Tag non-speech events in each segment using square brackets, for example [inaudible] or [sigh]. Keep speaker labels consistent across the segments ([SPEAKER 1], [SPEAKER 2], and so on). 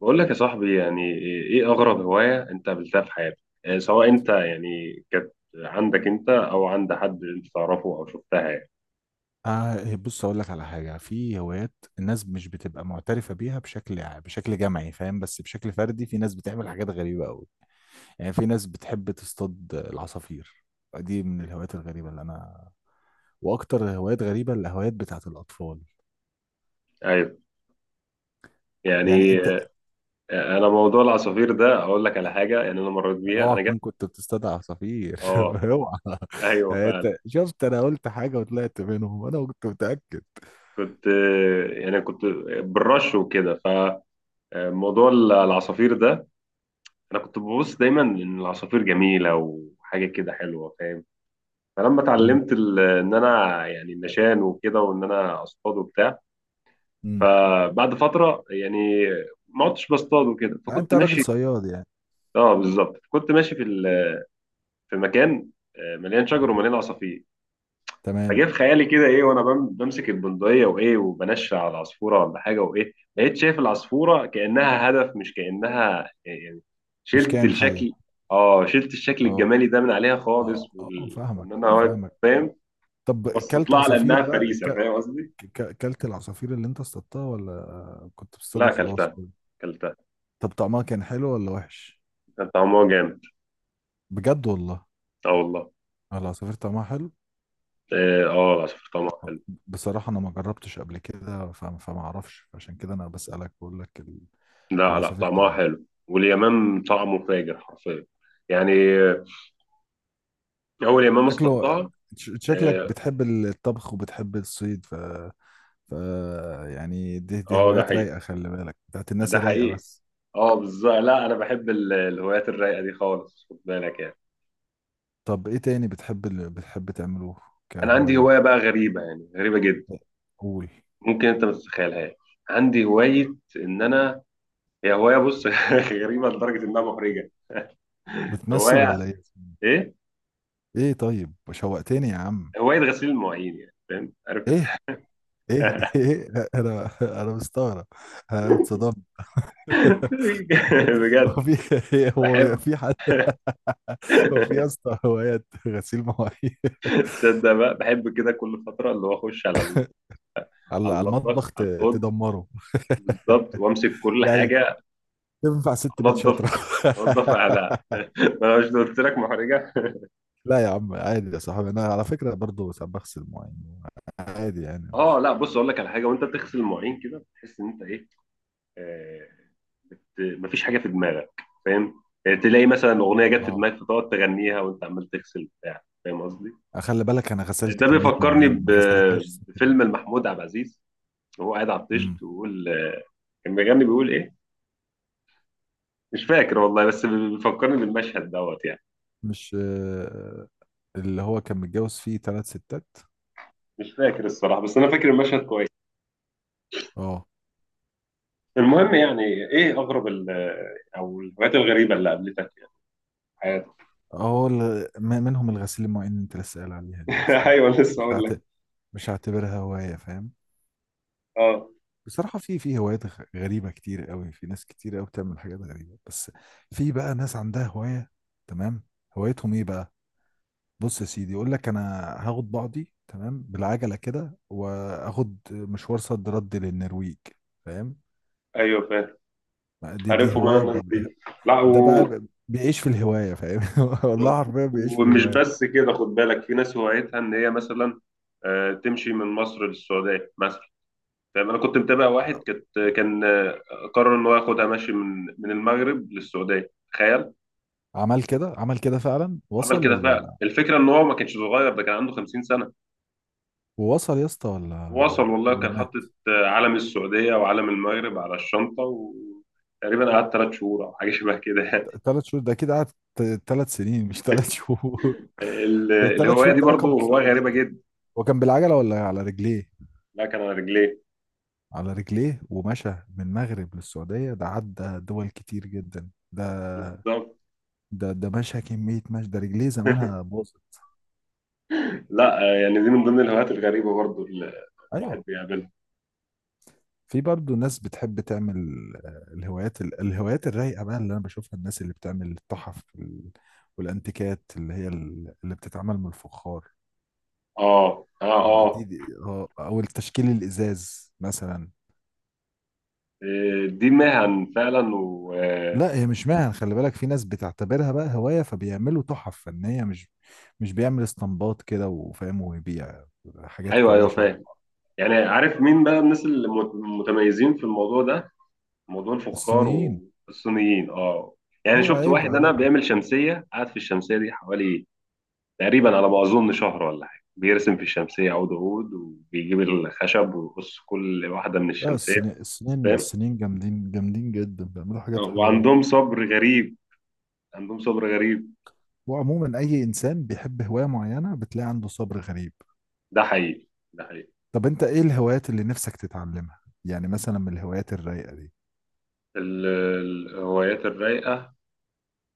[SPEAKER 1] بقول لك يا صاحبي، يعني ايه اغرب هواية انت قابلتها في حياتك؟ سواء انت يعني كانت عندك انت او عند حد انت تعرفه او شفتها يعني.
[SPEAKER 2] آه، بص اقول لك على حاجه في هوايات الناس مش بتبقى معترفه بيها بشكل جمعي، فاهم؟ بس بشكل فردي في ناس بتعمل حاجات غريبه قوي. يعني في ناس بتحب تصطاد العصافير. دي من الهوايات الغريبه اللي انا. واكتر هوايات غريبه الهوايات بتاعت الاطفال.
[SPEAKER 1] ايوه.
[SPEAKER 2] يعني
[SPEAKER 1] يعني
[SPEAKER 2] انت
[SPEAKER 1] آه، انا موضوع العصافير ده اقول لك على حاجة، يعني انا مريت بيها،
[SPEAKER 2] اوعى
[SPEAKER 1] انا جت.
[SPEAKER 2] تكون كنت بتصطاد عصافير
[SPEAKER 1] اه،
[SPEAKER 2] [laughs] اوعى.
[SPEAKER 1] ايوه
[SPEAKER 2] يعني
[SPEAKER 1] فعلا.
[SPEAKER 2] انت شفت، انا قلت حاجه وطلعت منهم، انا كنت متاكد.
[SPEAKER 1] كنت آه، يعني كنت بالرش وكده. فموضوع العصافير ده، انا كنت ببص دايما ان العصافير جميلة وحاجة كده حلوة، فاهم؟ فلما
[SPEAKER 2] امم
[SPEAKER 1] اتعلمت ان انا يعني النشان وكده، وان انا اصطاد وبتاع.
[SPEAKER 2] إمم.
[SPEAKER 1] فبعد فتره يعني ما عدتش بصطاد وكده، فكنت
[SPEAKER 2] انت راجل
[SPEAKER 1] ماشي.
[SPEAKER 2] صياد يعني.
[SPEAKER 1] اه بالظبط، كنت ماشي في مكان مليان شجر ومليان عصافير. فجاء
[SPEAKER 2] تمام.
[SPEAKER 1] في خيالي كده ايه، وانا بمسك البندقيه وايه، وبنشر على العصفوره ولا حاجه، وايه بقيت شايف العصفوره كانها هدف، مش كانها
[SPEAKER 2] مش
[SPEAKER 1] شلت
[SPEAKER 2] كائن حي.
[SPEAKER 1] الشكل. اه شلت الشكل
[SPEAKER 2] اه
[SPEAKER 1] الجمالي ده من عليها
[SPEAKER 2] اه
[SPEAKER 1] خالص،
[SPEAKER 2] اه، فاهمك
[SPEAKER 1] وان انا واقف،
[SPEAKER 2] فاهمك.
[SPEAKER 1] فاهم؟
[SPEAKER 2] طب
[SPEAKER 1] بصيت
[SPEAKER 2] كلت
[SPEAKER 1] لها على
[SPEAKER 2] عصافير
[SPEAKER 1] انها
[SPEAKER 2] بقى؟
[SPEAKER 1] فريسه، فاهم قصدي؟
[SPEAKER 2] كلت العصافير اللي انت اصطادتها ولا كنت بتصطاد
[SPEAKER 1] لا،
[SPEAKER 2] وخلاص
[SPEAKER 1] اكلتها.
[SPEAKER 2] كده؟
[SPEAKER 1] اكلتها.
[SPEAKER 2] طب طعمها كان حلو ولا وحش؟
[SPEAKER 1] كان طعمها جامد.
[SPEAKER 2] بجد والله؟
[SPEAKER 1] اه والله.
[SPEAKER 2] العصافير طعمها حلو.
[SPEAKER 1] اه، العصافير طعمها
[SPEAKER 2] آه،
[SPEAKER 1] حلو.
[SPEAKER 2] بصراحة انا ما جربتش قبل كده، فما اعرفش. عشان كده انا بسألك. بقول لك ال-
[SPEAKER 1] لا لا،
[SPEAKER 2] العصافير
[SPEAKER 1] طعمها
[SPEAKER 2] طعمها.
[SPEAKER 1] حلو، واليمام طعمه فاجر حرفيا. يعني آه، اول يمام
[SPEAKER 2] شكله.
[SPEAKER 1] اصطادتها.
[SPEAKER 2] شكلك
[SPEAKER 1] اه،
[SPEAKER 2] بتحب الطبخ وبتحب الصيد، ف... ف يعني دي
[SPEAKER 1] ده
[SPEAKER 2] هوايات
[SPEAKER 1] حقيقي،
[SPEAKER 2] رايقة، خلي بالك، بتاعت الناس
[SPEAKER 1] ده
[SPEAKER 2] الرايقة
[SPEAKER 1] حقيقي.
[SPEAKER 2] بس.
[SPEAKER 1] اه بالظبط، لا انا بحب الهوايات الرايقه دي خالص، خد بالك يعني.
[SPEAKER 2] طب ايه تاني بتحب، اللي بتحب تعمله
[SPEAKER 1] انا عندي هوايه
[SPEAKER 2] كهواية؟
[SPEAKER 1] بقى غريبه، يعني غريبه جدا.
[SPEAKER 2] قول.
[SPEAKER 1] ممكن انت ما تتخيلهاش. عندي هوايه ان انا، هي هوايه، بص [laughs] غريبه لدرجه انها محرجه.
[SPEAKER 2] بتمثل
[SPEAKER 1] هوايه
[SPEAKER 2] ولا ايه؟
[SPEAKER 1] ايه؟
[SPEAKER 2] ايه طيب شوقتني يا عم.
[SPEAKER 1] هوايه غسيل المواعين، يعني فاهم؟ عارف انت.
[SPEAKER 2] ايه ايه [laughs] انا مستغرب. انا اتصدمت. [laughs]
[SPEAKER 1] [laughs] بجد.
[SPEAKER 2] هو في هو
[SPEAKER 1] بحب.
[SPEAKER 2] في حد؟ [laughs] هو في يا اسطى هوايات غسيل مواعين؟ [laughs]
[SPEAKER 1] تصدق بقى، بحب كده كل فترة، اللي هو أخش على
[SPEAKER 2] على
[SPEAKER 1] على
[SPEAKER 2] على
[SPEAKER 1] المطبخ،
[SPEAKER 2] المطبخ،
[SPEAKER 1] على الأوض،
[SPEAKER 2] تدمره.
[SPEAKER 1] بالظبط، وأمسك كل
[SPEAKER 2] يعني
[SPEAKER 1] حاجة
[SPEAKER 2] تنفع ست بيت
[SPEAKER 1] أنظف
[SPEAKER 2] شاطرة.
[SPEAKER 1] أنظف على
[SPEAKER 2] [laughs]
[SPEAKER 1] [laughs] ما أنا مش قلت لك محرجة؟
[SPEAKER 2] لا يا عم عادي يا صاحبي، انا على فكرة برضو ساعات بغسل مواعين. عادي
[SPEAKER 1] [laughs]
[SPEAKER 2] يعني،
[SPEAKER 1] أه،
[SPEAKER 2] مش.
[SPEAKER 1] لا بص أقول لك على حاجة، وأنت بتغسل المواعين كده بتحس إن أنت إيه؟ آه مفيش حاجة في دماغك، فاهم؟ تلاقي مثلا أغنية جت في
[SPEAKER 2] اه.
[SPEAKER 1] دماغك، فتقعد تغنيها وأنت عمال تغسل بتاع، فاهم قصدي؟
[SPEAKER 2] خلي بالك انا غسلت
[SPEAKER 1] ده
[SPEAKER 2] كميه
[SPEAKER 1] بيفكرني
[SPEAKER 2] مواعين ما غسلتهاش الست دي.
[SPEAKER 1] بفيلم لمحمود عبد العزيز، وهو قاعد على الطيش
[SPEAKER 2] امم
[SPEAKER 1] بيقول كان بيغني، بيقول إيه؟ مش فاكر والله، بس بيفكرني بالمشهد دوت يعني.
[SPEAKER 2] مش اللي هو كان متجوز فيه ثلاث ستات.
[SPEAKER 1] مش فاكر الصراحة، بس أنا فاكر المشهد كويس.
[SPEAKER 2] اه.
[SPEAKER 1] المهم يعني، إيه أغرب أو الهوايات الغريبة اللي قابلتك يعني في حياتك؟
[SPEAKER 2] اه ال- منهم الغسيل المواعين اللي انت لسه قايل عليها دي، ف-
[SPEAKER 1] [laughs] أيوه، لسه
[SPEAKER 2] مش
[SPEAKER 1] أقول
[SPEAKER 2] هعت...
[SPEAKER 1] لك.
[SPEAKER 2] مش هعتبرها هوايه، فاهم؟
[SPEAKER 1] أه
[SPEAKER 2] بصراحه في هوايات غريبه كتير قوي، في ناس كتير قوي بتعمل حاجات غريبه بس. في بقى ناس عندها هوايه. تمام. هوايتهم ايه بقى؟ بص يا سيدي، يقول لك انا هاخد بعضي تمام بالعجله كده، واخد مشوار صد رد للنرويج، فاهم؟
[SPEAKER 1] أيوه فاهم.
[SPEAKER 2] دي
[SPEAKER 1] عارفهم أنا
[SPEAKER 2] هوايه
[SPEAKER 1] الناس دي. لا
[SPEAKER 2] ده بقى بيعيش في الهوايه، فاهم؟ [laughs] والله حرفيا بيعيش في
[SPEAKER 1] ومش
[SPEAKER 2] الهوايه.
[SPEAKER 1] بس كده، خد بالك في ناس هوايتها إن هي مثلا تمشي من مصر للسعودية مثلا. فاهم؟ أنا كنت متابع واحد، كان قرر إن هو ياخدها ماشي من المغرب للسعودية، تخيل.
[SPEAKER 2] عمل كده عمل كده فعلا،
[SPEAKER 1] عمل
[SPEAKER 2] وصل
[SPEAKER 1] كده فعلا،
[SPEAKER 2] ولا؟
[SPEAKER 1] الفكرة إن هو ما كانش صغير، ده كان عنده 50 سنة.
[SPEAKER 2] وصل يا اسطى ولا؟
[SPEAKER 1] وصل والله،
[SPEAKER 2] ولا
[SPEAKER 1] كان
[SPEAKER 2] مات؟
[SPEAKER 1] حاطط علم السعودية وعلم المغرب على الشنطة، وتقريبا قعدت 3 شهور أو حاجة شبه كده يعني.
[SPEAKER 2] ثلاث شهور؟ ده كده قعد ثلاث سنين مش ثلاث شهور. [laughs] ثلاث
[SPEAKER 1] الهواية
[SPEAKER 2] شهور
[SPEAKER 1] دي
[SPEAKER 2] ده رقم
[SPEAKER 1] برضو
[SPEAKER 2] قصير
[SPEAKER 1] هواية غريبة
[SPEAKER 2] جدا.
[SPEAKER 1] جدا.
[SPEAKER 2] هو كان بالعجله ولا على رجليه؟
[SPEAKER 1] لا كان على رجليه.
[SPEAKER 2] على رجليه ومشى، من المغرب للسعودية، ده عدى دول كتير جدا ده.
[SPEAKER 1] بالظبط.
[SPEAKER 2] ده مشى كمية مشي، ده رجليه زمانها باظت.
[SPEAKER 1] لا يعني دي من ضمن الهوايات الغريبة برضو اللي
[SPEAKER 2] أيوة.
[SPEAKER 1] الواحد بيقابلها.
[SPEAKER 2] في برضه ناس بتحب تعمل، الهوايات ال- الهوايات الرايقة بقى اللي أنا بشوفها، الناس اللي بتعمل التحف ال- والأنتيكات اللي هي ال- اللي بتتعمل من الفخار.
[SPEAKER 1] آه آه آه.
[SPEAKER 2] دي أو التشكيل الإزاز مثلا.
[SPEAKER 1] إيه، دي مهن فعلا، و آه،
[SPEAKER 2] لا هي مش مهن، خلي بالك، في ناس بتعتبرها بقى هواية، فبيعملوا تحف فنية، مش بيعمل اسطمبات كده وفاهم ويبيع حاجات
[SPEAKER 1] أيوه
[SPEAKER 2] كلها
[SPEAKER 1] أيوه
[SPEAKER 2] شبه
[SPEAKER 1] فاهم.
[SPEAKER 2] بعض.
[SPEAKER 1] يعني عارف مين بقى الناس اللي متميزين في الموضوع ده؟ موضوع الفخار
[SPEAKER 2] الصينيين.
[SPEAKER 1] والصينيين، اه. يعني
[SPEAKER 2] ايوه
[SPEAKER 1] شفت
[SPEAKER 2] عيب
[SPEAKER 1] واحد انا
[SPEAKER 2] عليك.
[SPEAKER 1] بيعمل شمسيه، قاعد في الشمسيه دي حوالي تقريبا على ما اظن شهر ولا حاجه، بيرسم في الشمسيه عود عود، وبيجيب الخشب ويقص كل واحده من
[SPEAKER 2] لا
[SPEAKER 1] الشمسيه،
[SPEAKER 2] الصيني الصينيين
[SPEAKER 1] فاهم؟
[SPEAKER 2] الصينيين جامدين جامدين جدا، بيعملوا حاجات حلوة أوي.
[SPEAKER 1] وعندهم صبر غريب، عندهم صبر غريب.
[SPEAKER 2] وعموما اي انسان بيحب هواية معينة بتلاقي عنده صبر غريب.
[SPEAKER 1] ده حقيقي، ده حقيقي.
[SPEAKER 2] طب انت ايه الهوايات اللي نفسك تتعلمها، يعني مثلا من الهوايات الرايقة دي؟
[SPEAKER 1] ال- الهوايات الرايقه،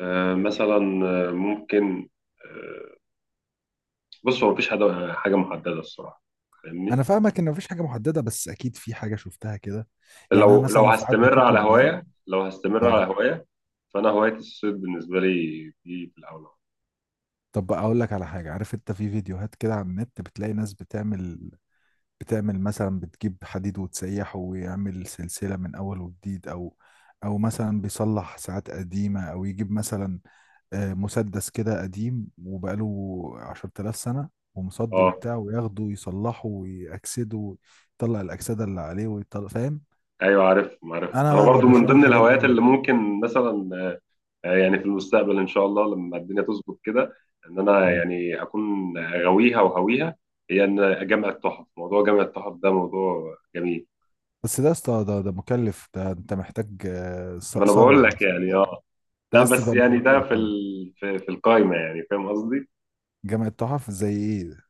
[SPEAKER 1] مثلا، ممكن، آه، بص، هو مفيش حاجه محدده الصراحه، فاهمني؟
[SPEAKER 2] انا فاهمك ان مفيش حاجة محددة بس اكيد في حاجة شفتها كده. يعني انا
[SPEAKER 1] لو
[SPEAKER 2] مثلا ساعات
[SPEAKER 1] هستمر على
[SPEAKER 2] بتطلب معايا.
[SPEAKER 1] هواية، لو هستمر على
[SPEAKER 2] اه.
[SPEAKER 1] هواية، فأنا هواية الصيد بالنسبة لي دي في الأول.
[SPEAKER 2] طب بقى اقول لك على حاجه، عارف انت في فيديوهات كده على النت بتلاقي ناس بتعمل، بتعمل مثلا بتجيب حديد وتسيحه ويعمل سلسله من اول وجديد، او مثلا بيصلح ساعات قديمه، او يجيب مثلا مسدس كده قديم وبقاله 10000 سنه ومصدي
[SPEAKER 1] اه
[SPEAKER 2] وبتاع، وياخده ويصلحه ويأكسده، يطلع الأكسدة اللي عليه ويطلع، فاهم؟
[SPEAKER 1] ايوه، عارف
[SPEAKER 2] انا
[SPEAKER 1] انا
[SPEAKER 2] بقى
[SPEAKER 1] برضو من
[SPEAKER 2] بشوف
[SPEAKER 1] ضمن
[SPEAKER 2] الحاجات دي
[SPEAKER 1] الهوايات اللي ممكن مثلا يعني في المستقبل ان شاء الله، لما الدنيا تظبط كده، ان انا
[SPEAKER 2] مم.
[SPEAKER 1] يعني اكون غاويها وهويها، هي ان اجمع التحف. موضوع جمع التحف ده موضوع جميل.
[SPEAKER 2] بس ده يا اسطى ده مكلف، ده انت محتاج
[SPEAKER 1] ما انا
[SPEAKER 2] ثروه
[SPEAKER 1] بقول لك
[SPEAKER 2] حرفيا.
[SPEAKER 1] يعني، اه.
[SPEAKER 2] انت
[SPEAKER 1] لا
[SPEAKER 2] عايز
[SPEAKER 1] بس
[SPEAKER 2] تبقى
[SPEAKER 1] يعني ده
[SPEAKER 2] مليونير؟
[SPEAKER 1] في القايمه يعني فاهم قصدي؟
[SPEAKER 2] جامعة تحف زي ايه؟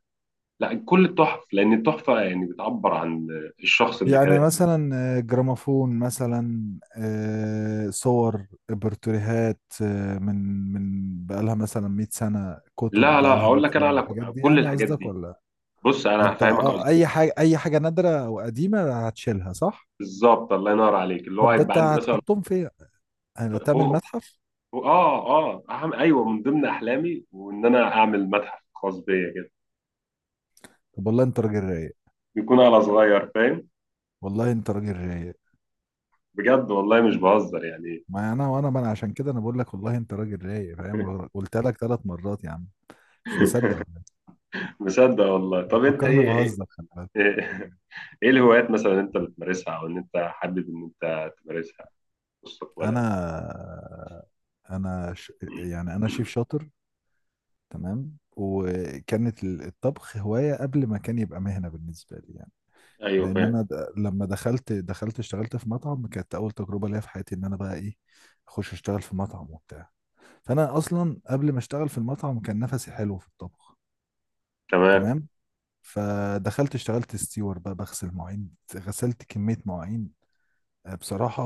[SPEAKER 1] لا كل التحف، لان التحفه يعني بتعبر عن الشخص اللي
[SPEAKER 2] يعني
[SPEAKER 1] كان.
[SPEAKER 2] مثلا جراموفون مثلا، صور برتريهات، من بقالها مثلا 100 سنة، كتب
[SPEAKER 1] لا لا،
[SPEAKER 2] بقالها 100
[SPEAKER 1] اقول لك انا
[SPEAKER 2] سنة،
[SPEAKER 1] على
[SPEAKER 2] الحاجات دي
[SPEAKER 1] كل
[SPEAKER 2] يعني
[SPEAKER 1] الحاجات
[SPEAKER 2] قصدك
[SPEAKER 1] دي.
[SPEAKER 2] ولا؟
[SPEAKER 1] بص انا
[SPEAKER 2] انت
[SPEAKER 1] هفهمك قصدي.
[SPEAKER 2] اه اي حاجة، اي حاجة نادرة او قديمة هتشيلها، صح؟
[SPEAKER 1] بالظبط، الله ينور عليك، اللي هو
[SPEAKER 2] طب ده
[SPEAKER 1] هيبقى
[SPEAKER 2] انت
[SPEAKER 1] عندي مثلا.
[SPEAKER 2] هتحطهم فين؟ يعني هتعمل
[SPEAKER 1] فوق.
[SPEAKER 2] متحف؟
[SPEAKER 1] اه اه، أهم، ايوه، من ضمن احلامي وان انا اعمل متحف خاص بيا كده،
[SPEAKER 2] طب والله انت راجل رايق.
[SPEAKER 1] يكون على صغير، فاهم؟
[SPEAKER 2] والله انت راجل رايق.
[SPEAKER 1] بجد والله مش بهزر يعني.
[SPEAKER 2] ما انا وانا، ما انا عشان كده انا بقول لك والله انت راجل رايق، فاهم؟
[SPEAKER 1] [laughs]
[SPEAKER 2] قلت لك ثلاث مرات يا عم. مش مصدق ولا؟
[SPEAKER 1] مصدق والله.
[SPEAKER 2] إيه؟
[SPEAKER 1] طب انت
[SPEAKER 2] فكرني
[SPEAKER 1] ايه ايه
[SPEAKER 2] بهزر خلي بالك.
[SPEAKER 1] ايه [laughs] إيه الهوايات مثلا انت بتمارسها، او ان انت حابب ان انت تمارسها مستقبلا؟
[SPEAKER 2] انا انا يعني انا شيف شاطر. تمام. وكانت ال- الطبخ هواية قبل ما كان يبقى مهنة بالنسبة لي يعني.
[SPEAKER 1] ايوه
[SPEAKER 2] لان
[SPEAKER 1] فاهم.
[SPEAKER 2] انا لما دخلت اشتغلت في مطعم، كانت اول تجربة ليا في حياتي ان انا بقى ايه، اخش اشتغل في مطعم وبتاع. فانا اصلا قبل ما اشتغل في المطعم كان نفسي حلو في الطبخ.
[SPEAKER 1] تمام.
[SPEAKER 2] تمام. فدخلت اشتغلت ستيور بقى، بغسل مواعين، غسلت كمية مواعين بصراحة،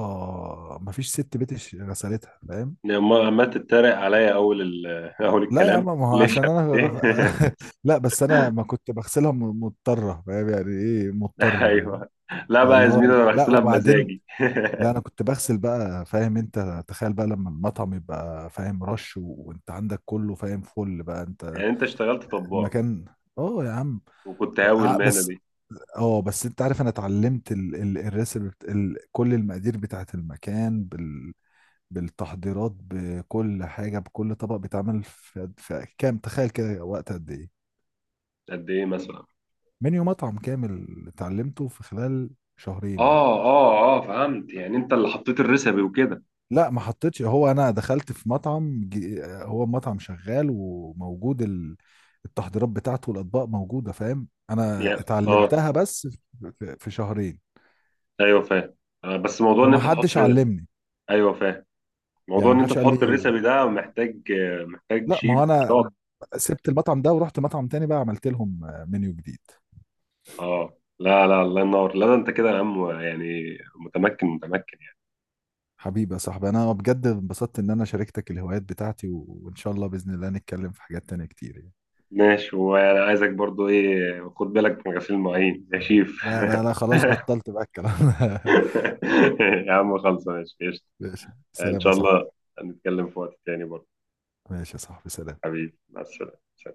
[SPEAKER 2] مفيش ست بيت غسلتها، فاهم؟
[SPEAKER 1] ما عمال تتريق عليا [laughs] اول
[SPEAKER 2] لا يا
[SPEAKER 1] الكلام؟
[SPEAKER 2] عم، ما هو
[SPEAKER 1] ليش؟
[SPEAKER 2] عشان
[SPEAKER 1] [laughs] ايه؟
[SPEAKER 2] انا [laughs] لا بس انا ما كنت بغسلها مضطره، فاهم يعني ايه
[SPEAKER 1] [laughs]
[SPEAKER 2] مضطر؟ فاهم.
[SPEAKER 1] ايوه. لا بقى يا
[SPEAKER 2] اللي هو
[SPEAKER 1] زميلي،
[SPEAKER 2] إيه؟
[SPEAKER 1] انا
[SPEAKER 2] لا
[SPEAKER 1] بغسلها
[SPEAKER 2] وبعدين،
[SPEAKER 1] بمزاجي.
[SPEAKER 2] لا انا كنت بغسل بقى، فاهم انت، تخيل بقى لما المطعم يبقى فاهم، رش وانت عندك كله، فاهم، فل بقى
[SPEAKER 1] [laughs]
[SPEAKER 2] انت
[SPEAKER 1] يعني انت اشتغلت طباخ
[SPEAKER 2] المكان. اه يا عم.
[SPEAKER 1] وكنت هاوي المهنه
[SPEAKER 2] بس.
[SPEAKER 1] دي؟
[SPEAKER 2] اه بس انت عارف انا اتعلمت الريسبي كل المقادير بتاعت المكان بالتحضيرات، بكل حاجه بكل طبق بيتعمل، في كام تخيل كده، وقت قد ايه؟
[SPEAKER 1] قد ايه مثلا؟
[SPEAKER 2] منيو مطعم كامل اتعلمته في خلال شهرين.
[SPEAKER 1] اه اه اه فهمت. يعني انت اللي حطيت الريسبي وكده،
[SPEAKER 2] لا ما حطيتش، هو انا دخلت في مطعم ج- هو مطعم شغال وموجود ال- التحضيرات بتاعته والاطباق موجوده، فاهم؟ انا
[SPEAKER 1] يعني اه.
[SPEAKER 2] اتعلمتها بس في شهرين،
[SPEAKER 1] ايوه فاهم. بس موضوع ان
[SPEAKER 2] وما
[SPEAKER 1] انت تحط،
[SPEAKER 2] حدش علمني
[SPEAKER 1] ايوه فاهم، موضوع
[SPEAKER 2] يعني، ما
[SPEAKER 1] ان انت
[SPEAKER 2] حدش قال
[SPEAKER 1] تحط
[SPEAKER 2] لي.
[SPEAKER 1] الريسبي ده محتاج
[SPEAKER 2] لا ما
[SPEAKER 1] شيف
[SPEAKER 2] هو انا
[SPEAKER 1] شاطر.
[SPEAKER 2] سبت المطعم ده ورحت مطعم تاني بقى، عملت لهم منيو جديد.
[SPEAKER 1] اه لا لا، الله ينور، لا ده انت كده يا عم، يعني متمكن متمكن يعني.
[SPEAKER 2] حبيبي يا صاحبي، انا بجد انبسطت ان انا شاركتك الهوايات بتاعتي، و- وان شاء الله باذن الله نتكلم في حاجات تانية كتير.
[SPEAKER 1] ماشي، وانا عايزك برضو ايه، خد بالك من غسيل المواعين يا شيف.
[SPEAKER 2] لا لا لا خلاص
[SPEAKER 1] [laughs]
[SPEAKER 2] بطلت بقى الكلام ده.
[SPEAKER 1] [laughs] يا عم خلص، ماشي قشطة.
[SPEAKER 2] [laughs] ماشي
[SPEAKER 1] ان
[SPEAKER 2] سلام يا
[SPEAKER 1] شاء
[SPEAKER 2] صاحبي.
[SPEAKER 1] الله هنتكلم في وقت تاني برضه.
[SPEAKER 2] ماشي يا صاحبي سلام.
[SPEAKER 1] حبيبي مع السلامة.